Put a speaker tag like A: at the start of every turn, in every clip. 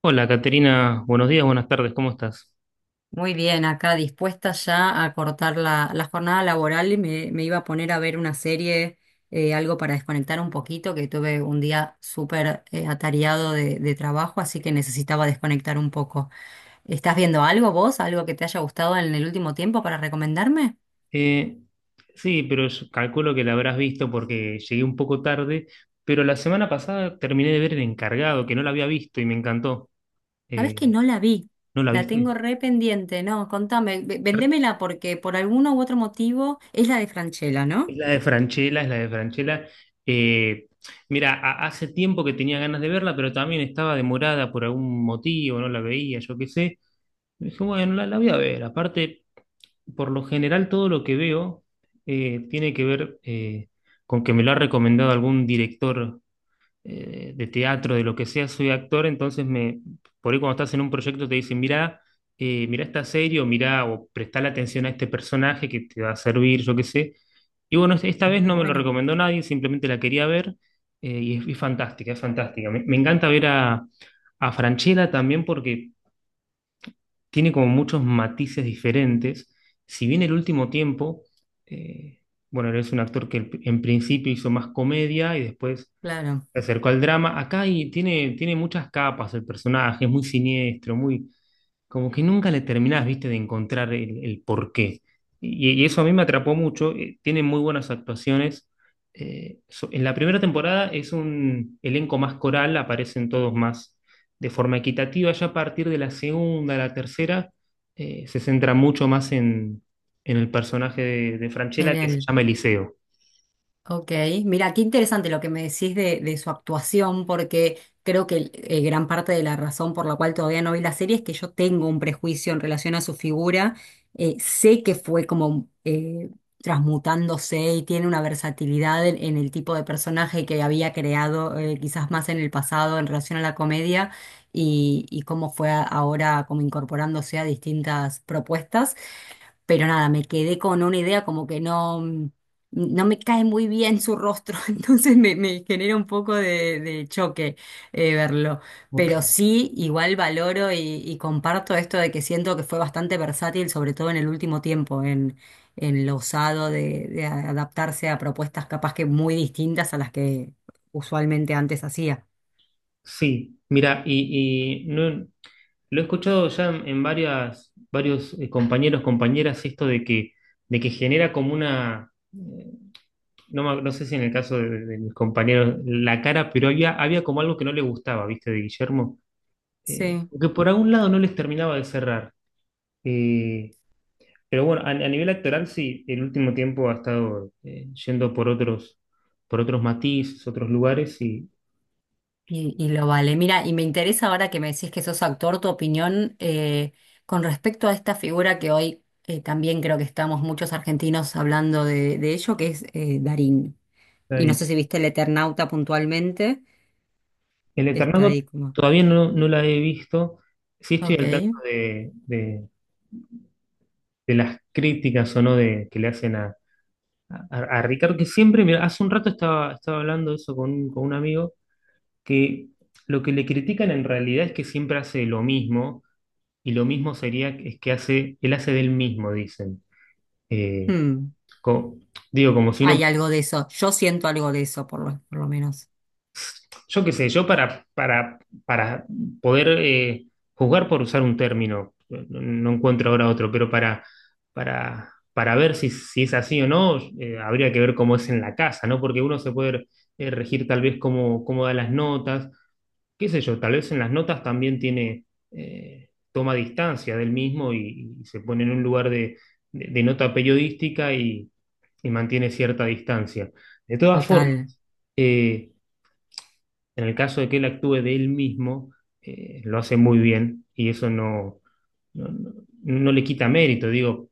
A: Hola, Caterina, buenos días, buenas tardes, ¿cómo estás?
B: Muy bien, acá dispuesta ya a cortar la jornada laboral y me iba a poner a ver una serie, algo para desconectar un poquito, que tuve un día súper atareado de trabajo, así que necesitaba desconectar un poco. ¿Estás viendo algo vos, algo que te haya gustado en el último tiempo para recomendarme?
A: Eh, sí, pero yo calculo que la habrás visto porque llegué un poco tarde, pero la semana pasada terminé de ver El Encargado, que no la había visto y me encantó.
B: Sabes
A: Eh,
B: que no la vi,
A: ¿No la
B: la
A: viste?
B: tengo re pendiente, no, contame, vendémela porque por alguno u otro motivo es la de Franchella,
A: Es
B: ¿no?
A: la de Franchella, es la de Franchella. Eh, Mira, hace tiempo que tenía ganas de verla, pero también estaba demorada por algún motivo, no la veía, yo qué sé. Dije, bueno, la voy a ver, aparte. Por lo general todo lo que veo tiene que ver con que me lo ha recomendado algún director de teatro, de lo que sea, soy actor, entonces me, por ahí cuando estás en un proyecto te dicen, mirá, mirá esta serie o mirá o prestale atención a este personaje que te va a servir, yo qué sé. Y bueno, esta vez
B: Está
A: no me lo
B: bueno,
A: recomendó nadie, simplemente la quería ver, y es fantástica, es fantástica. Me encanta ver a Francella también porque tiene como muchos matices diferentes. Si bien el último tiempo, eh, bueno, él es un actor que en principio hizo más comedia y después
B: claro,
A: se acercó al drama, acá y tiene, tiene muchas capas el personaje, es muy siniestro, muy, como que nunca le terminás, viste, de encontrar el porqué. Y eso a mí me atrapó mucho. Tiene muy buenas actuaciones. En la primera temporada es un elenco más coral, aparecen todos más de forma equitativa. Ya a partir de la segunda, la tercera, se centra mucho más en el personaje de
B: en
A: Francella que se
B: él.
A: llama Eliseo.
B: Ok, mira, qué interesante lo que me decís de su actuación, porque creo que gran parte de la razón por la cual todavía no vi la serie es que yo tengo un prejuicio en relación a su figura. Sé que fue como transmutándose y tiene una versatilidad en el tipo de personaje que había creado quizás más en el pasado en relación a la comedia y cómo fue ahora como incorporándose a distintas propuestas. Pero nada, me quedé con una idea como que no, no me cae muy bien su rostro, entonces me genera un poco de choque verlo.
A: Ok.
B: Pero sí, igual valoro y comparto esto de que siento que fue bastante versátil, sobre todo en el último tiempo, en lo usado de adaptarse a propuestas capaz que muy distintas a las que usualmente antes hacía.
A: Sí, mira, y no, lo he escuchado ya en varias, varios compañeros, compañeras, esto de que genera como una, no, no sé si en el caso de mis compañeros, la cara, pero había, había como algo que no le gustaba, ¿viste? De Guillermo,
B: Sí.
A: que por algún lado no les terminaba de cerrar. Eh, pero bueno, a nivel actoral sí, el último tiempo ha estado yendo por otros matices, otros lugares y
B: Y lo vale. Mira, y me interesa ahora que me decís que sos actor, tu opinión con respecto a esta figura que hoy también creo que estamos muchos argentinos hablando de ello, que es Darín.
A: está
B: Y no sé
A: bien.
B: si viste El Eternauta puntualmente,
A: El
B: que está
A: Eternauta
B: ahí como,
A: todavía no, no la he visto. Sí estoy
B: ok,
A: al tanto de, de las críticas o no de, que le hacen a, a Ricardo, que siempre, mira, hace un rato estaba, estaba hablando de eso con, con un amigo, que lo que le critican en realidad es que siempre hace lo mismo, y lo mismo sería es que hace, él hace del mismo, dicen. Eh,
B: hmm,
A: co- Digo, como si uno,
B: hay algo de eso, yo siento algo de eso por lo menos.
A: yo qué sé, yo para poder juzgar por usar un término, no, no encuentro ahora otro, pero para ver si, si es así o no, habría que ver cómo es en la casa, ¿no? Porque uno se puede regir tal vez cómo, cómo da las notas, qué sé yo, tal vez en las notas también tiene, toma distancia del mismo y se pone en un lugar de, de nota periodística y mantiene cierta distancia. De todas formas,
B: Total.
A: eh, en el caso de que él actúe de él mismo, lo hace muy bien y eso no, no, no le quita mérito. Digo,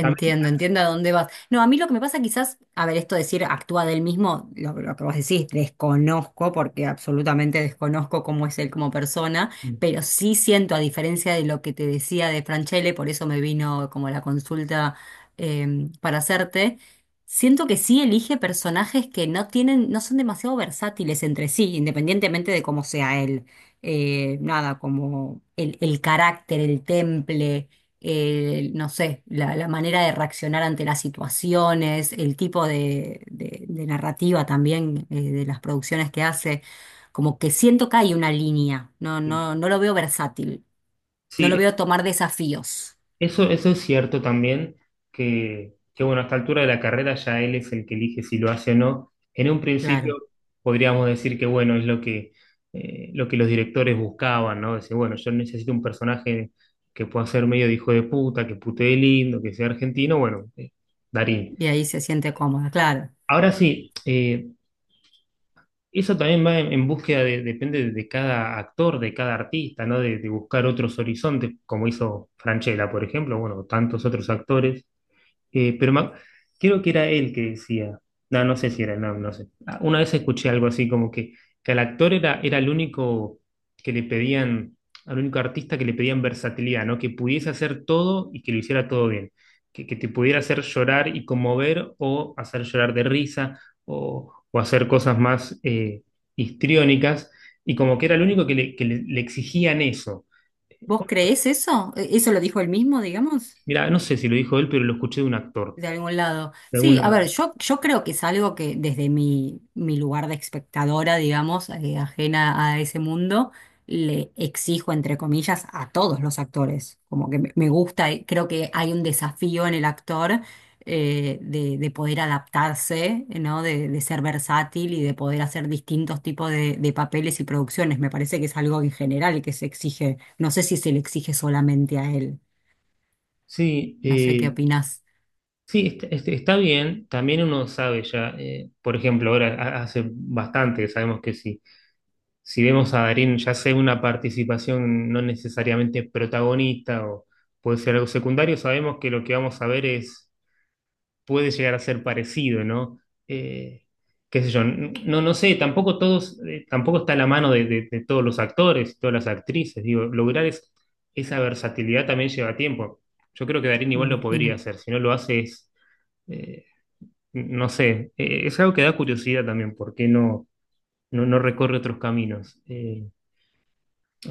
A: también,
B: entiendo a dónde vas. No, a mí lo que me pasa quizás, a ver, esto de decir actúa del mismo, lo que vos decís, desconozco, porque absolutamente desconozco cómo es él como persona, pero sí siento, a diferencia de lo que te decía de Franchelle, por eso me vino como la consulta para hacerte, siento que sí elige personajes que no tienen, no son demasiado versátiles entre sí, independientemente de cómo sea él. Nada, como el carácter, el temple no sé, la manera de reaccionar ante las situaciones, el tipo de, de narrativa también de las producciones que hace, como que siento que hay una línea, no,
A: sí,
B: no, no lo veo versátil, no lo
A: sí,
B: veo tomar desafíos.
A: eso es cierto también, que bueno, a esta altura de la carrera ya él es el que elige si lo hace o no. En un principio
B: Claro.
A: podríamos decir que bueno, es lo que los directores buscaban, ¿no? Decir, bueno, yo necesito un personaje que pueda ser medio de hijo de puta, que putee lindo, que sea argentino, bueno, Darín.
B: Y ahí se siente cómoda, claro.
A: Ahora sí, eso también va en búsqueda de, depende de cada actor, de cada artista, ¿no? De buscar otros horizontes, como hizo Franchella, por ejemplo, bueno, tantos otros actores, eh, pero me ac- creo que era él que decía, no, no sé si era, no, no sé. Ah, una vez escuché algo así como que al actor era, era el único que le pedían, al único artista que le pedían versatilidad, ¿no? Que pudiese hacer todo y que lo hiciera todo bien. Que te pudiera hacer llorar y conmover o hacer llorar de risa o hacer cosas más histriónicas. Y como que era el único que le, le exigían eso.
B: ¿Vos creés eso? Eso lo dijo él mismo, digamos?
A: Mira, no sé si lo dijo él, pero lo escuché de un actor.
B: De algún lado.
A: De algún
B: Sí, a ver,
A: lado.
B: yo creo que es algo que desde mi, mi lugar de espectadora, digamos, ajena a ese mundo, le exijo, entre comillas, a todos los actores. Como que me gusta, creo que hay un desafío en el actor de poder adaptarse, ¿no? De ser versátil y de poder hacer distintos tipos de papeles y producciones. Me parece que es algo en general que se exige. No sé si se le exige solamente a él.
A: Sí,
B: No sé qué opinas,
A: sí, está, bien. También uno sabe ya, por ejemplo, ahora hace bastante que sabemos que si, si vemos a Darín, ya sea una participación no necesariamente protagonista o puede ser algo secundario, sabemos que lo que vamos a ver es, puede llegar a ser parecido, ¿no? Eh, Qué sé yo, no, no sé, tampoco todos, tampoco está a la mano de, de todos los actores, todas las actrices. Digo, esa versatilidad también lleva tiempo. Yo creo que Darín
B: me
A: igual lo podría
B: imagino.
A: hacer, si no lo hace es. eh, no sé, es algo que da curiosidad también, ¿por qué no, no, no recorre otros caminos?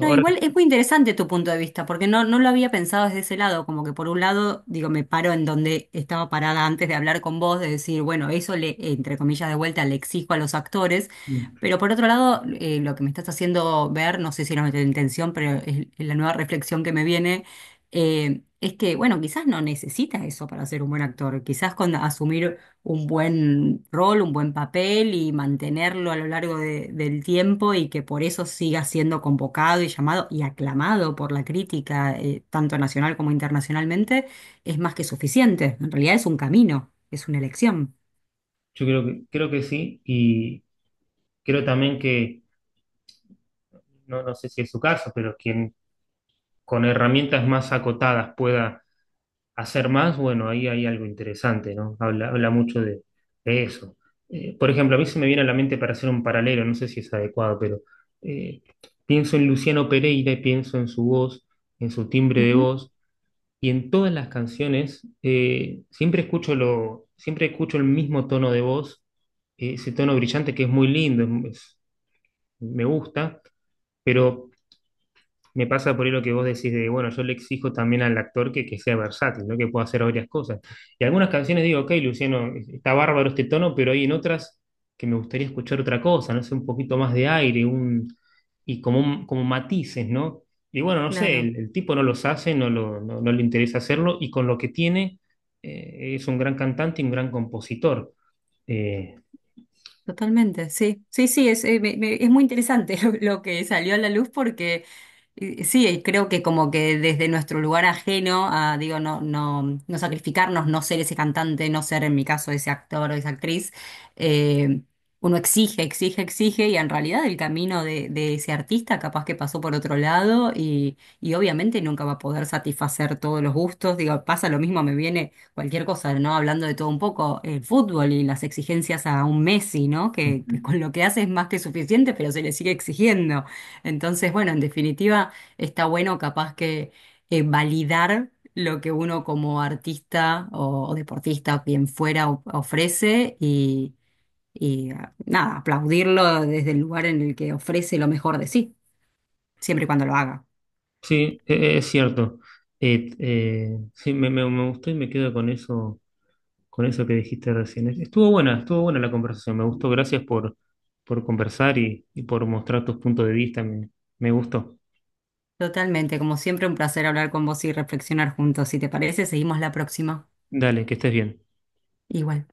B: No, igual es muy interesante tu punto de vista, porque no, no lo había pensado desde ese lado, como que por un lado, digo, me paro en donde estaba parada antes de hablar con vos, de decir, bueno, eso le, entre comillas, de vuelta le exijo a los actores,
A: mm,
B: pero por otro lado, lo que me estás haciendo ver, no sé si era nuestra intención, pero es la nueva reflexión que me viene, es que, bueno, quizás no necesita eso para ser un buen actor, quizás con asumir un buen rol, un buen papel y mantenerlo a lo largo del tiempo y que por eso siga siendo convocado y llamado y aclamado por la crítica, tanto nacional como internacionalmente, es más que suficiente. En realidad es un camino, es una elección.
A: yo creo que sí, y creo también que, no, no sé si es su caso, pero quien con herramientas más acotadas pueda hacer más, bueno, ahí hay algo interesante, ¿no? Habla, habla mucho de eso. Por ejemplo, a mí se me viene a la mente para hacer un paralelo, no sé si es adecuado, pero eh, pienso en Luciano Pereira y pienso en su voz, en su timbre de
B: Ujú,
A: voz. Y en todas las canciones siempre escucho lo, siempre escucho el mismo tono de voz, ese tono brillante que es muy lindo, me gusta, pero me pasa por ahí lo que vos decís de, bueno, yo le exijo también al actor que sea versátil, ¿no? Que pueda hacer varias cosas. Y algunas canciones digo, ok, Luciano, está bárbaro este tono, pero hay en otras que me gustaría escuchar otra cosa, no sé, un poquito más de aire, un, y como, como matices, ¿no? Y bueno, no sé,
B: claro.
A: el tipo no los hace, no, no, no le interesa hacerlo, y con lo que tiene, es un gran cantante y un gran compositor. Eh,
B: Totalmente, sí, sí, sí, es, es muy interesante lo que salió a la luz porque sí, creo que como que desde nuestro lugar ajeno a, digo, no, no, no sacrificarnos, no ser ese cantante, no ser en mi caso ese actor o esa actriz, eh, uno exige, exige, exige y en realidad el camino de ese artista capaz que pasó por otro lado y obviamente nunca va a poder satisfacer todos los gustos, digo, pasa lo mismo, me viene cualquier cosa, ¿no? Hablando de todo un poco, el fútbol y las exigencias a un Messi, ¿no? Que
A: Ujú.
B: con lo que hace es más que suficiente, pero se le sigue exigiendo. Entonces, bueno, en definitiva, está bueno capaz que validar lo que uno como artista o deportista, o quien fuera, ofrece y ah, nada, aplaudirlo desde el lugar en el que ofrece lo mejor de sí, siempre y cuando lo haga.
A: Sí, es cierto. Sí, me, me, me gustó y me quedo con eso, con eso que dijiste recién. Estuvo buena la conversación, me gustó. Gracias por conversar y por mostrar tus puntos de vista, me gustó.
B: Totalmente, como siempre, un placer hablar con vos y reflexionar juntos. Si te parece, seguimos la próxima.
A: Dale, que estés bien.
B: Igual.